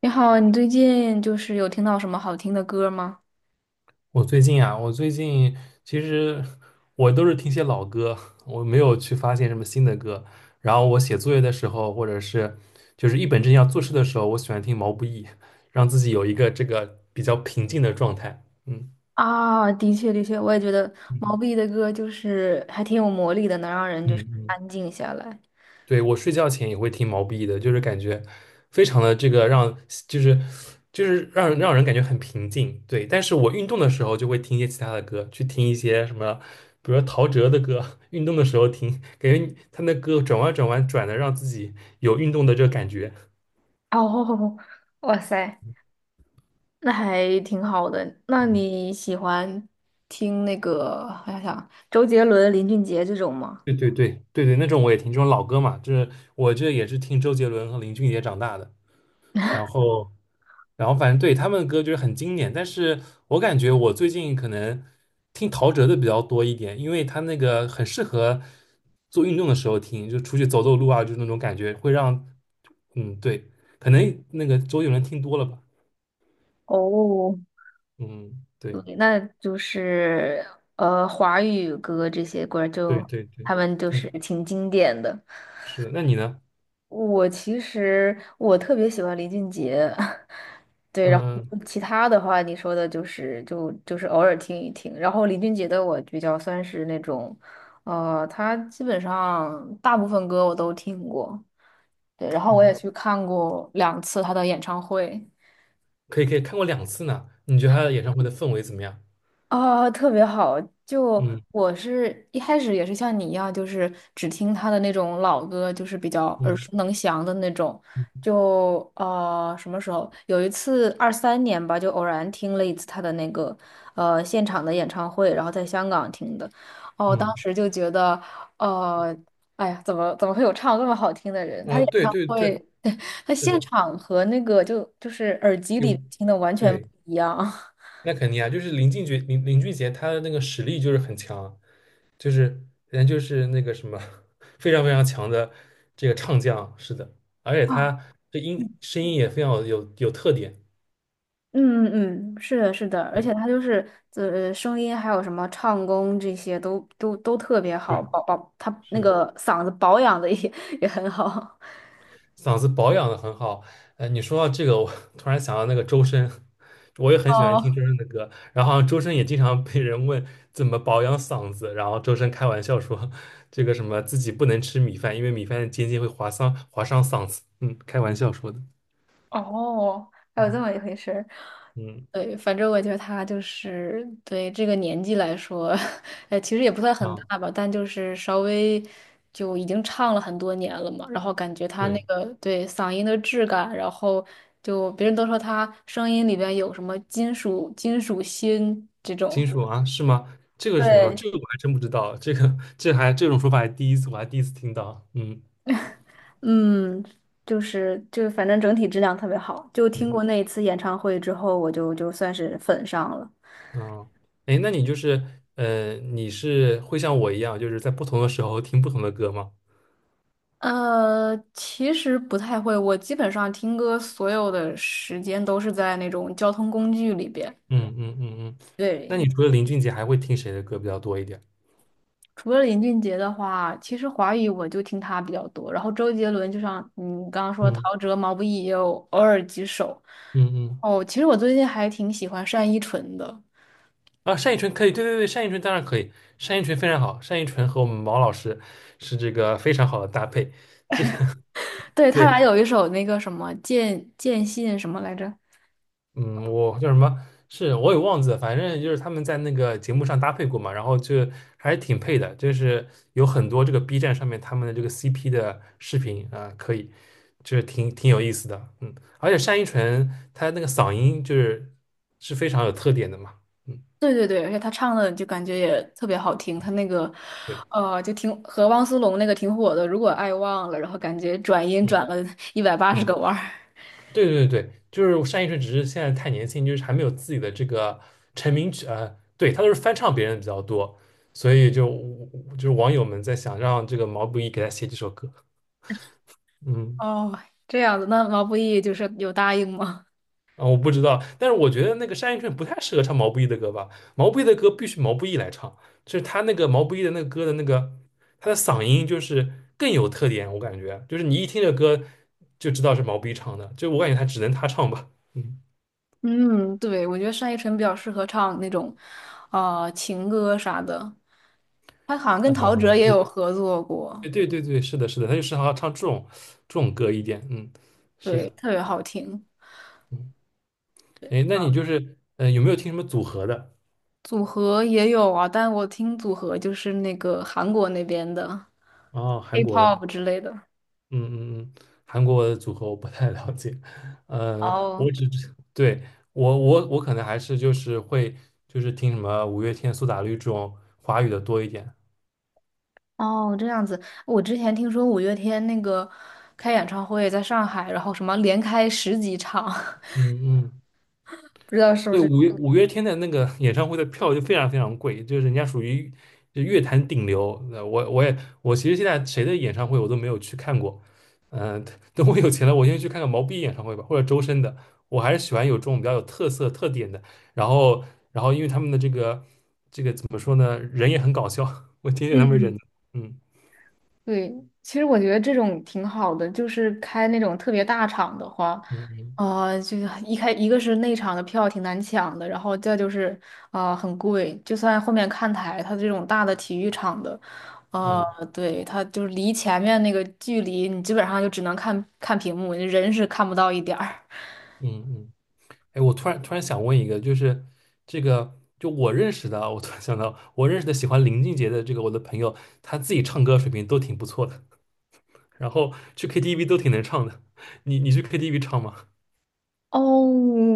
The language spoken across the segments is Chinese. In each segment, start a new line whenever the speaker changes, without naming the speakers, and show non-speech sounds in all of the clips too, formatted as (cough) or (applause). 你好，你最近就是有听到什么好听的歌吗？
我最近其实我都是听些老歌，我没有去发现什么新的歌。然后我写作业的时候，或者是就是一本正经要做事的时候，我喜欢听毛不易，让自己有一个这个比较平静的状态。嗯
啊，的确，的确，我也觉得毛
嗯
不易的歌就是还挺有魔力的，能让人就是
嗯，嗯。
安静下来。
对，我睡觉前也会听毛不易的，就是感觉非常的这个让，就是就是让人感觉很平静。对，但是我运动的时候就会听一些其他的歌，去听一些什么，比如说陶喆的歌，(laughs) 运动的时候听，感觉他那歌转弯转弯转的，让自己有运动的这个感觉。
哦，(laughs) 哇塞，那还挺好的。那你喜欢听那个，我想想，周杰伦、林俊杰这种吗？
对对对对对，那种我也听，这种老歌嘛，就是我这也是听周杰伦和林俊杰长大的。然后，反正对他们的歌就是很经典，但是我感觉我最近可能听陶喆的比较多一点，因为他那个很适合做运动的时候听，就出去走走路啊，就那种感觉会让，嗯，对，可能那个周杰伦听多了吧，
哦，
嗯，对，
对那就是华语歌这些歌儿
对
就
对对
他们就是
对，
挺经典的。
是的，那你呢？
我其实特别喜欢林俊杰，(laughs) 对，然后
嗯
其他的话你说的就是偶尔听一听，然后林俊杰的我比较算是那种，他基本上大部分歌我都听过，对，然后我也
嗯，
去看过2次他的演唱会，
可以可以看过两次呢，你觉得他的演唱会的氛围怎么样？
啊，特别好！就
嗯
我是一开始也是像你一样，就是只听他的那种老歌，就是比较耳
嗯
熟能详的那种。
嗯
就什么时候有一次23年吧，就偶然听了一次他的那个现场的演唱会，然后在香港听的。哦，当
嗯，
时就觉得，呃，哎呀，怎么会有唱那么好听的人？他
啊，
演
对
唱
对对，
会，(laughs) 他
是
现
的，
场和那个就是耳机
有，
里听的完全不
对。
一样。(laughs)
那肯定啊，就是林俊杰，林俊杰他的那个实力就是很强，就是人家就是那个什么 (laughs) 非常非常强的这个唱将，是的，而且
啊！
他这声音也非常有特点，
嗯嗯嗯，是的，是的，而
对
且他就是声音还有什么唱功这些都特别
对，
好，他
是
那
的。
个嗓子保养的也 (laughs) 也很好，
嗓子保养的很好。你说到这个，我 (laughs) 突然想到那个周深，我也
(laughs)
很喜欢
哦
听周深的歌。然后好像周深也经常被人问怎么保养嗓子，然后周深开玩笑说，这个什么自己不能吃米饭，因为米饭的尖尖会划伤嗓子。嗯，开玩笑说的。
哦，还有这
嗯
么一回事儿
嗯
对，反正我觉得他就是对这个年纪来说，(laughs) 其实也不算很
啊，
大吧，但就是稍微就已经唱了很多年了嘛，然后感觉他那
对，
个对嗓音的质感，然后就别人都说他声音里边有什么金属心这种，
金属啊，是吗？这个是什么说？
对，
这个我还真不知道，这种说法还第一次，我还第一次听到。嗯
嗯，就是反正整体质量特别好，就听
嗯。
过那一次演唱会之后，我就算是粉上了。
嗯，哎，那你就是，你是会像我一样，就是在不同的时候听不同的歌吗？
其实不太会，我基本上听歌所有的时间都是在那种交通工具里边。
嗯嗯嗯嗯。那你
对，
除了林俊杰，还会听谁的歌比较多一点？
除了林俊杰的话，其实华语我就听他比较多，然后周杰伦就像你刚刚说，
嗯
陶喆、毛不易也有偶尔几首。
嗯嗯。
哦，其实我最近还挺喜欢单依纯的，
啊，单依纯可以，对对对，单依纯当然可以，单依纯非常好，单依纯和我们毛老师是这个非常好的搭配。这个
对，
(laughs)
他俩
对。
有一首那个什么《见见信》什么来着？
嗯，我叫什么？是我也忘记了，反正就是他们在那个节目上搭配过嘛，然后就还挺配的，就是有很多这个 B 站上面他们的这个 CP 的视频啊，可以，就是挺有意思的，嗯，而且单依纯她那个嗓音就是是非常有特点的嘛，嗯，
对对对，而且他唱的就感觉也特别好听，他那个，
对，
就挺和汪苏泷那个挺火的，《如果爱忘了》，然后感觉转音
嗯
转了 (laughs) 180个
嗯
弯儿。
对对对，就是单依纯，只是现在太年轻，就是还没有自己的这个成名曲，对，他都是翻唱别人的比较多，所以就是网友们在想让这个毛不易给他写几首歌，嗯，
哦，这样子，那毛不易就是有答应吗？
啊，我不知道，但是我觉得那个单依纯不太适合唱毛不易的歌吧，毛不易的歌必须毛不易来唱，就是他那个毛不易的那个歌的那个他的嗓音就是更有特点，我感觉就是你一听这歌就知道是毛不易唱的，就我感觉他只能他唱吧，嗯。
(laughs) 嗯，对，我觉得单依纯比较适合唱那种，啊，情歌啥的。他好像跟陶
嗯，
喆也有合作过，
对对对对，是的，是的，他就适合唱这种歌一点，嗯，是
对，
的，
特别好听。
嗯，哎，那你就是，嗯，有没有听什么组合的？
组合也有啊，但我听组合就是那个韩国那边的
哦，韩国的，
K-pop 之类的。
嗯嗯嗯，韩国的组合我不太了解，我
哦。
只知对我可能还是就是会听什么五月天、苏打绿这种华语的多一点，
哦，这样子，我之前听说五月天那个开演唱会在上海，然后什么连开十几场，(laughs)
嗯嗯
不知道是不
对，
是。
五月天的那个 (laughs) 演唱会的票就非常非常贵，就是人家属于就乐坛顶流。我其实现在谁的演唱会我都没有去看过，嗯、等我有钱了，我先去看看毛不易演唱会吧，或者周深的。我还是喜欢有这种比较有特色特点的。然后，因为他们的这个怎么说呢，人也很搞笑，(laughs) 我挺喜欢他们人
嗯，
的
对，其实我觉得这种挺好的，就是开那种特别大场的话，
嗯嗯
啊，就是一个是内场的票挺难抢的，然后再就是啊很贵，就算后面看台，它这种大的体育场的，啊，
嗯
对，它就是离前面那个距离，你基本上就只能看看屏幕，人是看不到一点儿。
嗯嗯嗯。嗯哎，我突然想问一个，就是这个，就我认识的啊我突然想到，我认识的喜欢林俊杰的这个我的朋友，他自己唱歌水平都挺不错的，(laughs) 然后去 KTV 都挺能唱的。你去 KTV 唱吗？
哦，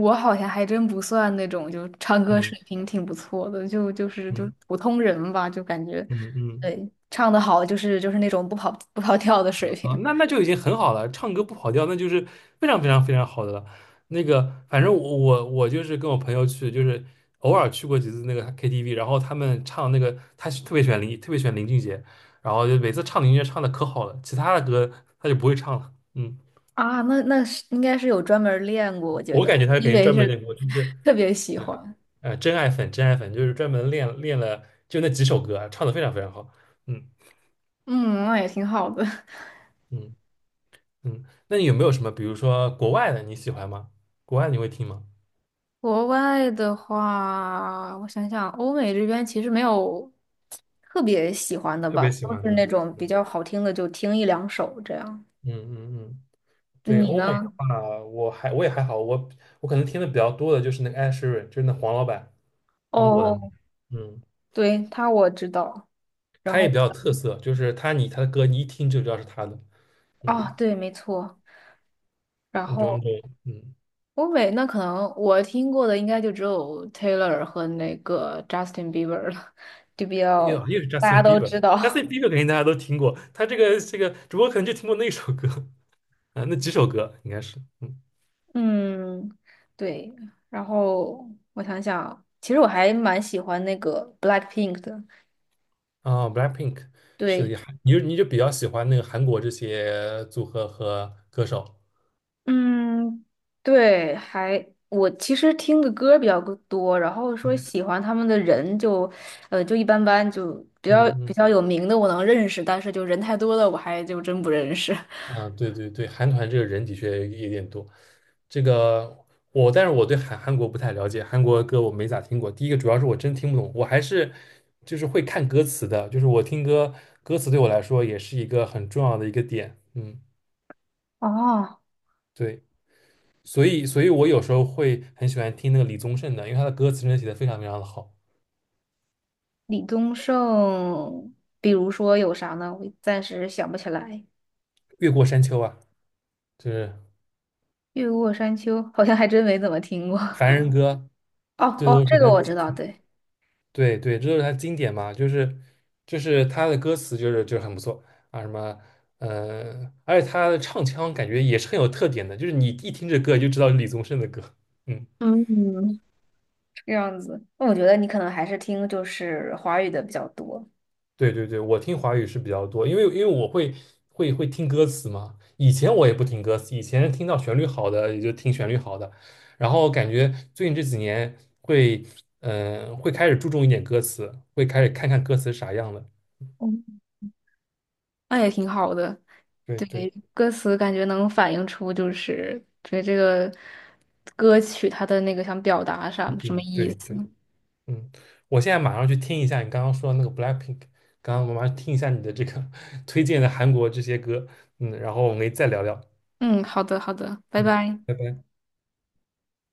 我好像还真不算那种，就唱歌
嗯
水平挺不错的，就是
嗯
普通人吧，就感觉，
嗯嗯。
对，唱得好就是那种不跑调的水平
啊，那就已经很好了，唱歌不跑调，那就是非常非常非常好的了。那个，反正我就是跟我朋友去，就是偶尔去过几次那个 KTV，然后他们唱那个，他是特别喜欢林，特别喜欢林俊杰，然后就每次唱林俊杰唱的可好了，其他的歌他就不会唱了。嗯，
啊，那是应该是有专门儿练过，我觉
我
得，
感觉他肯
因
定
为
专门
是
练过，就是
特别喜欢，
真爱粉，真爱粉就是专门练了就那几首歌啊，唱的非常非常好。嗯
嗯，那也挺好的。(laughs)
嗯嗯，那你有没有什么，比如说国外的你喜欢吗？国外你会听吗？
国外的话，我想想，欧美这边其实没有特别喜欢的
特
吧，
别喜
都
欢
是
的。
那种比较好听的，就听一两首这样。
嗯嗯嗯，对，
你
欧美的
呢？
话，我也还好，我我可能听的比较多的就是那个 Ed s h e r 就是那黄老板，英国的那个
哦，
嗯，
对，他我知道。然
他也比
后
较有特色，就是他的歌你一听就知道是他的，
啊，
嗯，
对，没错。然
那种，
后
嗯，
欧美那可能我听过的应该就只有 Taylor 和那个 Justin Bieber 了，就比较
又是
大家
Justin
都知道。
Bieber，Justin Bieber 肯定大家都听过，他这个主播可能就听过那首歌 (laughs) 啊，那几首歌应该是，嗯
(laughs) 嗯，对。然后我想想，其实我还蛮喜欢那个 Blackpink 的。
啊，Blackpink 是
对，
也还你就比较喜欢那个韩国这些组合和歌手，
嗯，对，还我其实听的歌比较个多，然后说
嗯
喜欢他们的人就，就一般般，就比较
嗯
比
嗯。
较有名的我能认识，但是就人太多了，我还就真不认识。(laughs)
啊，对对对，韩团这个人的确有点多。这个我，但是我对韩国不太了解，韩国歌我没咋听过。第一个主要是我真听不懂，我还是就是会看歌词的，就是我听歌歌词对我来说也是一个很重要的一个点。嗯，
哦，
对，所以我有时候会很喜欢听那个李宗盛的，因为他的歌词真的写的非常非常的好，
李宗盛，比如说有啥呢？我暂时想不起来。
《越过山丘》啊，就是
越过山丘好像还真没怎么听过。(laughs)
《凡人歌》，
哦
这
哦，
都是
这个
他。
我知道，对，
对对，这就是他经典嘛，就是他的歌词就是很不错啊，什么而且他的唱腔感觉也是很有特点的，就是你一听这歌就知道是李宗盛的歌。嗯，
嗯，这样子。那我觉得你可能还是听就是华语的比较多。
对对对，我听华语是比较多，因为我会听歌词嘛，以前我也不听歌词，以前听到旋律好的也就听旋律好的，然后感觉最近这几年会嗯会开始注重一点歌词，会开始看看歌词啥样的，
嗯，那也挺好的。
对
对，
对，
歌词感觉能反映出就是对这个歌曲它的那个想表达
一
啥什么
定
意
对
思。
对。嗯，我现在马上去听一下你刚刚说的那个 Blackpink，刚刚我马上听一下你的这个 (laughs) 推荐的韩国这些歌，嗯，然后我们可以再聊聊，
嗯，好的，好的，拜
嗯，
拜。
拜拜。